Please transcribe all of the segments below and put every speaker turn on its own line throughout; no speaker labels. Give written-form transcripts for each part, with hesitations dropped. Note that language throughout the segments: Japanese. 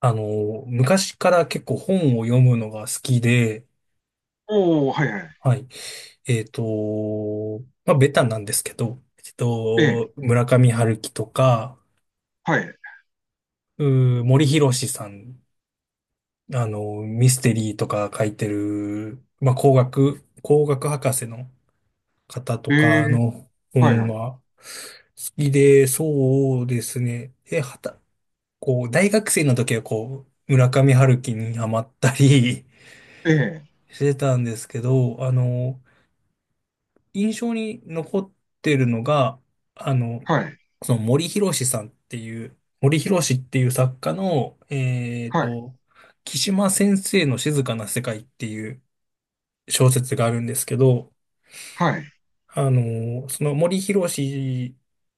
昔から結構本を読むのが好きで、
おお、はいはい。
はい。えっと、まあ、ベタなんですけど、
ええ、
村上春樹とか、
はい。
森博さん、あの、ミステリーとか書いてる、まあ、工学博士の方と
え
か
え、
の
はい
本
はい。
が好きで、そうですね。で、はた、こう、大学生の時はこう、村上春樹にハマったり
ええ、
してたんですけど、あの、印象に残ってるのが、あの、
はい、
その森博さんっていう、森博っていう作家の、
はい、
木島先生の静かな世界っていう小説があるんですけど、
はい、
あの、その森博著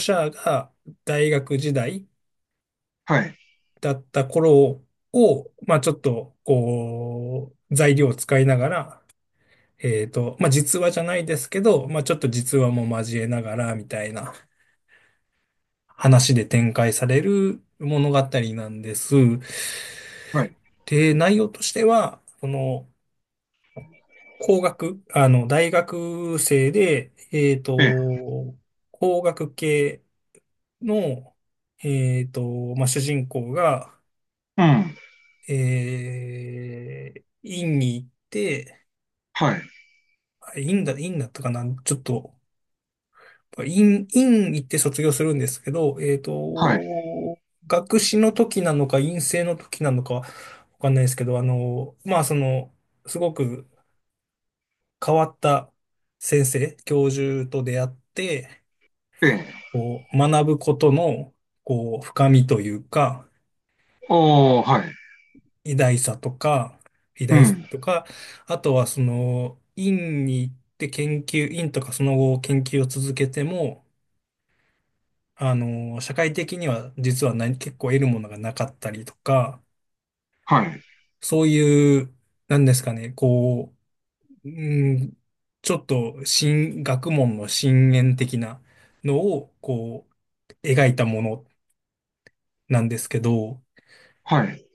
者が大学時代
はい、
だった頃を、まあちょっと、こう、材料を使いながら、まあ実話じゃないですけど、まあちょっと実話も交えながら、みたいな。話で展開される物語なんです。
はい、
で、内容としては、その、工学、あの、大学生で、
ええ、
工学系の、まあ、主人公が、
うん、
院に行って、
はい、
院だったかな、ちょっと院行って卒業するんですけど、
はい、
学士の時なのか、院生の時なのか、わかんないですけど、あの、まあ、その、すごく変わった先生、教授と出会って、
ええ、
こう、学ぶことの、こう、深みというか、
おお、はい、
偉大さとか、偉
う
大さ
ん、
とか、あとはその、院に行って研究、院とかその後研究を続けても、あの、社会的には実は結構得るものがなかったりとか、
はい、
そういう、なんですかね、こう、うん、ちょっと新、学問の深淵的なのを、こう、描いたものなんですけど、
はい。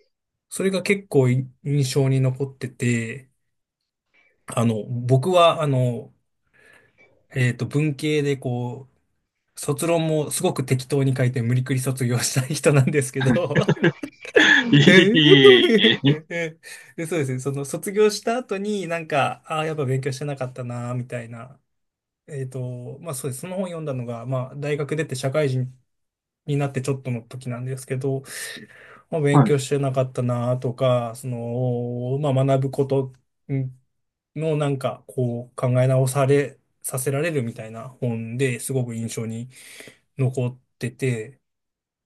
それが結構い印象に残ってて、あの、僕は、あの、文系でこう、卒論もすごく適当に書いて無理くり卒業したい人なんですけど
いい、
で、そうですね。その卒業した後になんか、ああ、やっぱ勉強してなかったな、みたいな。まあそうです。その本読んだのが、まあ大学出て社会人になってちょっとの時なんですけど、まあ勉
はい、
強してなかったな、とか、その、まあ学ぶことうんのなんか、こう考え直され、させられるみたいな本ですごく印象に残ってて、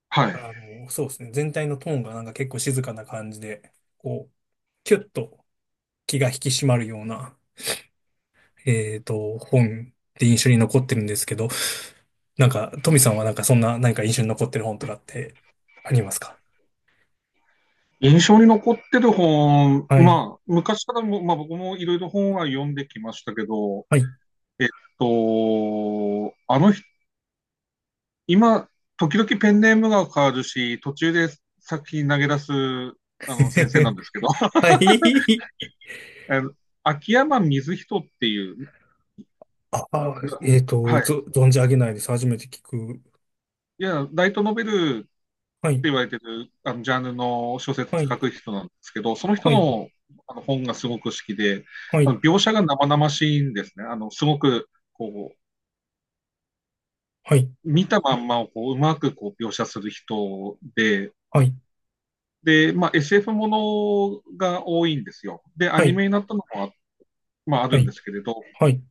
はい。
あのそうですね、全体のトーンがなんか結構静かな感じでこうキュッと気が引き締まるような本って印象に残ってるんですけど、なんかトミさんはなんかそんな何か印象に残ってる本とかってありますか？
印象に残ってる本、
はい。
まあ、昔からも、まあ僕もいろいろ本は読んできましたけど、
はい。
えっあの人、今、時々ペンネームが変わるし、途中で作品投げ出す、先生なん ですけど、
はい。
あの秋山水人っていう、
ああ、えっと
はい。
ぞ存じ上げないです。初めて聞く。
いや、ライトノベルって
はい。
言われてる、ジャンルの小
は
説書
い。
く人なんですけど、その人
はい。
の、あの本がすごく好きで、
は
あ
い。
の描写が生々しいんですね。すごく、こ
はい。
う、見たまんまをこう、うまくこう描写する人で、
はい。
で、まあ、SF ものが多いんですよ。で、ア
は
ニ
い。
メになったのもまあ、あ
は
るんで
い。
すけれど、
はい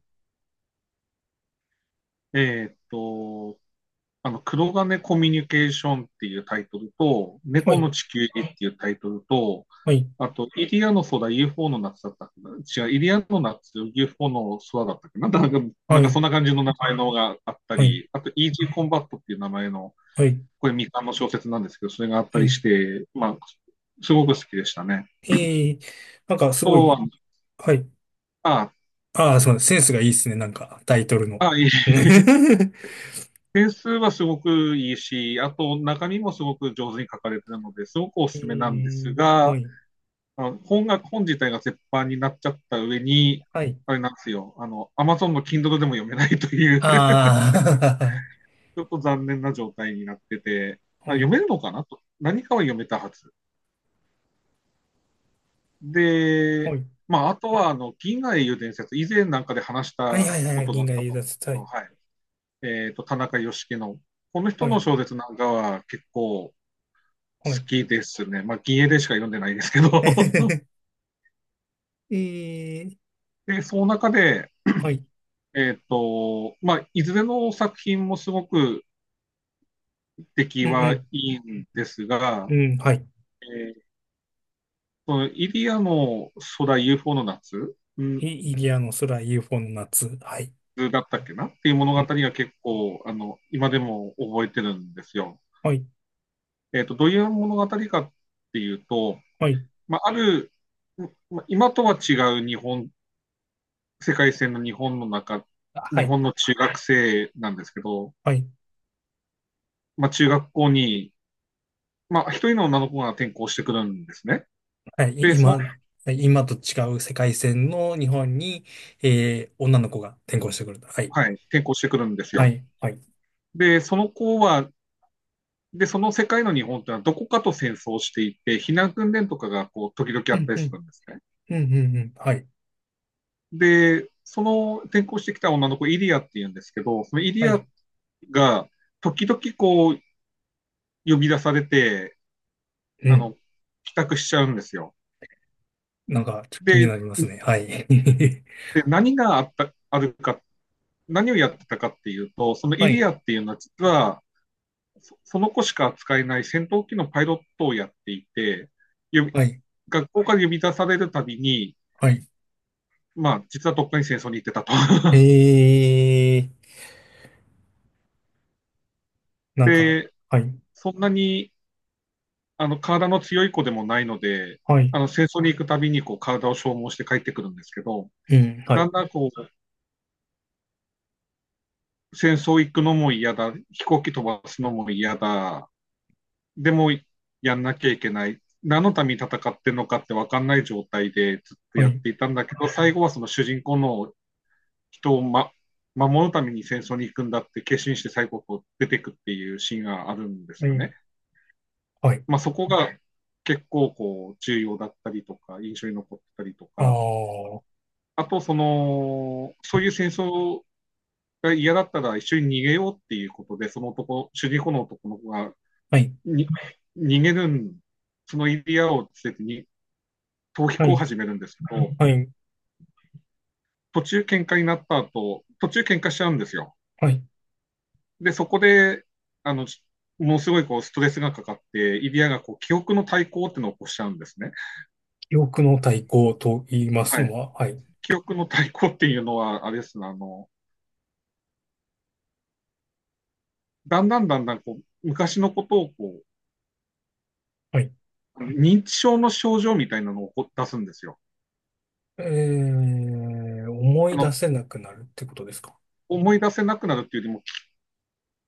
えーっと、黒金コミュニケーションっていうタイトルと、
は
猫の
い
地球儀っていうタイトルと、
はい
あと、イリアの空 UFO の夏だったかな。違う、イリアの夏 UFO の空だったっけな、なんか、なん
は
か
い
そんな感じの名前のがあった
はい
り、あと、イージーコンバットっていう名前の、
はいはい
これ未完の小説なんですけど、それがあった
は
りし
い
て、まあ、すごく好きでしたね。
ええ。なんか
あ
すご
と
い、
は、
はい。
あ、
ああ、そうです、センスがいいですね、なんか、タイトルの。
いい。点数はすごくいいし、あと中身もすごく上手に書かれてるので、すごくお
え
すすめなんです
え。は
が、
い、
あの本が、本自体が絶版になっちゃった上に、
はい。
あれなんですよ、Amazon の Kindle でも読めないという ち
あ
ょっと残念な状態になってて、
あ、
あ、
は
読
い、
めるのかなと。何かは読めたはず。
は
で、
い。
まあ、あとは、銀河英雄伝説、以前なんかで話し
はい
た
はいはいは
こ
い、
とがあ
銀
っ
河
た
英
と思うんで
奪
すけど、
隊。
はい。田中義樹の、この人
は
の
い、
小説なんかは結構好
はい。
きですね。まあ、銀英でしか読んでないですけど
ええ。
で、その中で、
はい。
まあ、いずれの作品もすごく出来
う
はい
ん。
いんですが、
うん、うん、はい。
えーそのイリアの空 UFO の夏、
イイリアの空、UFO の夏。はい。
だったっけなっていう物
う
語
ん、
が結構、今でも覚えてるんですよ。
はい、
どういう物語かっていうと、
はい。
まあ、ある、ま今とは違う日本、世界線の日本の中、
は
日
い、
本の中学生なんですけど、
はい。
まあ、中学校に、まあ、一人の女の子が転校してくるんですね。
はい、い
で、
今、はい、今と違う世界線の日本に、えー、女の子が転校してくると。はい。
はい、転校してくるんです
は
よ。
い、はい。
で、その子は、で、その世界の日本ってのはどこかと戦争していて、避難訓練とかがこう時々あ
う
っ
ん、
たり
う
す
ん、
るんですね。
うん、うん、うん、はい、
で、その転校してきた女の子、イリアっていうんですけど、そのイ
は
リア
い。
が時々こう呼び出されて、
う
あ
ん。
の、帰宅しちゃうんですよ。
なんか、ちょっと気に
で、
なりますね。はい。
何があった、あるか、何をやってたかっていうと、その
は
イリ
い、
アっていうのは実は、その子しか扱えない戦闘機のパイロットをやっていて、呼び
はい、
学校から呼び出されるたびに、
はい。
まあ、実はどっかに戦争に行ってたと。
え ー、なんか、
で、
はい、
そんなに、体の強い子でもないので、
はい、
戦争に行くたびに、こう、体を消耗して帰ってくるんですけど、
うん、は
だ
い、
んだん、こう、戦争行くのも嫌だ、飛行機飛ばすのも嫌だ、でも、やんなきゃいけない、何のために戦ってるのかって分かんない状態でずっと
は
やっ
い、
ていたんだけど、最後はその主人公の人を守るために戦争に行くんだって決心して西国を出てくっていうシーンがあるんです
は
よ
い、
ね。
はい。
まあ、そこが結構こう重要だったりとか印象に残ったりと
ああ、
か。
は
あとその、そういう戦争が嫌だったら一緒に逃げようっていうことで、その男主人公の男の子が
い、
に逃げる、そのエリアを捨ててに逃避
は
行を
い、
始めるんですけど、
はい、
途中喧嘩になった後、途中喧嘩しちゃうんですよ。
はい。
で、そこで、あの、ものすごいこうストレスがかかって、イリアがこう記憶の対抗っていうのを起こしちゃうんですね。
記憶の対抗と言います
は
の
い。
は、はい、
記憶の対抗っていうのは、あれですね、だんだんだんだんこう昔のことをこ
はい。
う、認知症の症状みたいなのを出すんですよ。
えー、思
あ
い出
の、
せなくなるってことですか？
思い出せなくなるっていうよりも、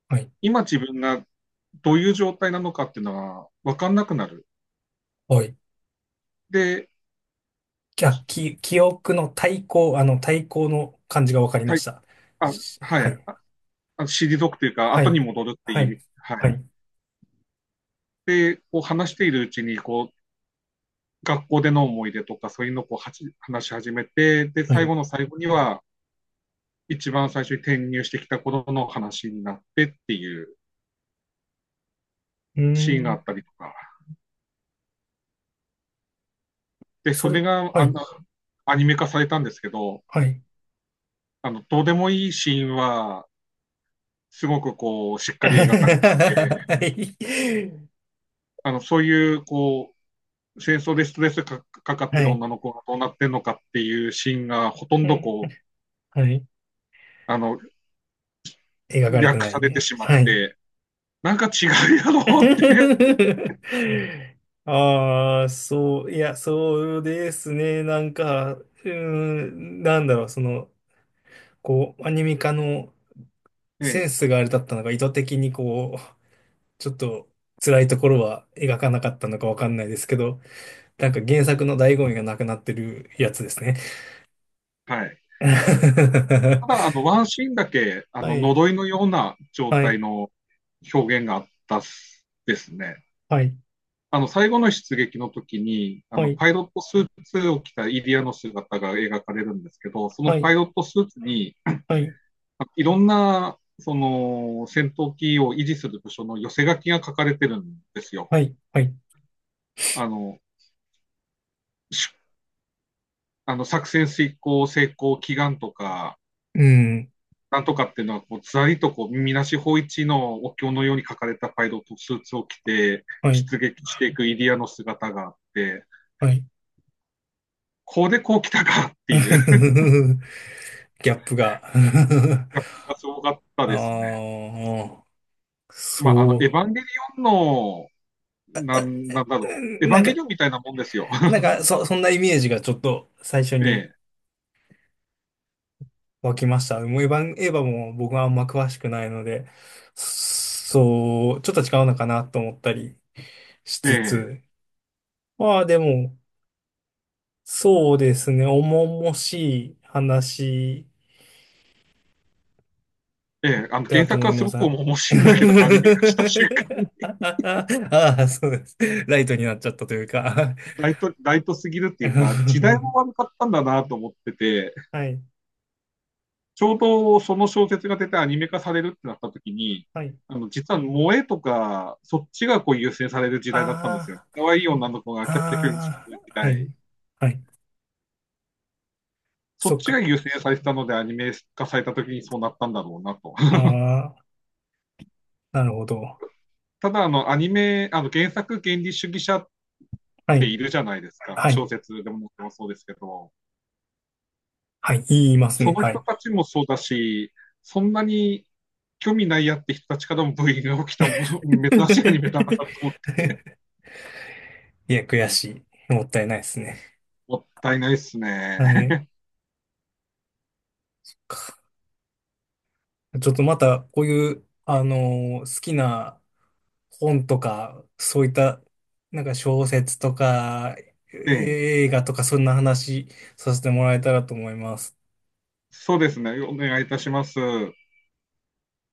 はい、
今自分がどういう状態なのかっていうのが分かんなくなる。
はい。
で、
きゃ、き、記憶の対抗、あの、対抗の感じがわかりま
はい、
した。
あ、
し
は
は
い、
い。
あ退くというか、
は
後に
い。
戻るって
は
いう意
い。
味、は
は
い。
い。
で、こう話しているうちに、こう、学校での思い出とか、そういうのをこう話し始めて、で、
はい。
最
う
後の最後には、一番最初に転入してきた頃の話になってっていう
ー
シーンがあ
ん。
ったりとか、で、
そ
それ
れ、
が
は
あ
い。
のアニメ化されたんですけど、
はい。
どうでもいいシーンは、すごくこう、しっ かり描かれてて、
はい。
そういう、こう、戦争でストレスかかかっ
は
てる
い。
女の子がどうなってんのかっていうシーンが、ほとんどこう、
はい。
あの、
描かれて
略
な
さ
い
れて
ね。
しまっ
はい。
て、なんか違うやろうって、
ああ、そう、いや、そうですね。なんか、うーん、なんだろう、その、こう、アニメ化の
え
セン
え、
スがあれだったのが、意図的にこう、ちょっと辛いところは描かなかったのかわかんないですけど、なんか原作の醍醐味がなくなってるやつですね。
はい。ただ、ワンシーンだけ、
はい、
呪いのような状
は
態
い、
の表現があったっすですね。
はい、
最後の出撃の時に、
はい、
パイロットスーツを着たイリアの姿が描かれるんですけど、そ
は
のパイ
い、
ロットスーツに、
はい、
いろんな、その、戦闘機を維持する部署の寄せ書きが書かれてるんですよ。
はい、はい、
あの、しあの作戦遂行成功祈願とか、
うん、
なんとかっていうのはこう、ずらりとこう、みなし法一のお経のように書かれたパイロットスーツを着て、
はい、
出撃していくイリアの姿があって、
はい。
こうでこう来たかっていう、
ギャップが
やっがすごかったですね。
ああ、
まあ、
そ
エヴ
う。
ァンゲリオンの、なんだ
う
ろう、エ
ん。
ヴ
な
ァ
ん
ンゲ
か、
リオンみたいなもんですよ
なん か、そんなイメージがちょっと最初
え
に
え、
湧きました。もうエヴァも僕はあんま詳しくないので、そう、ちょっと違うのかなと思ったりし
え
つ
え、
つ。まあでも、そうですね、重々しい話だ
原
と
作
思い
はす
ま
ご
す。
く
あ
面白いんだけど、アニメ化した瞬間、
あ、そうです。ライトになっちゃったというか
ライトすぎるっていうか、時代も 悪かったんだなと思ってて、
はい、
ちょうどその小説が出てアニメ化されるってなった時に、
はい。
実は萌えとか、そっちがこう優先される時代だったんですよね。
あ
可愛い女の子が
あ、
キャピキャピし
あ
てる時
あ、は
代。
い、はい。
そ
そ
っ
っ
ちが
か。
優先されてたのでアニメ化された時にそうなったんだろうなと。
ああ、なるほど。
ただ、あの、アニメ、あの、原作原理主義者っ
は
て
い。
いるじゃないですか。
は
小
い。
説でもそうですけど。
はい、言いますね。
その
は
人
い。
たちもそうだし、そんなに興味ないやって人たちからもブーイングが起きたもの珍しいアニメだなと 思
いや、悔しい。もったいないですね。
もったいないっす
あ
ね。
か、ちょっとまた、こういう、
は
あ
い。
のー好きな本とか、そういった、なんか小説とか、
ええ、
映画とか、そんな話させてもらえたらと思います。
そうですね。お願いいたします。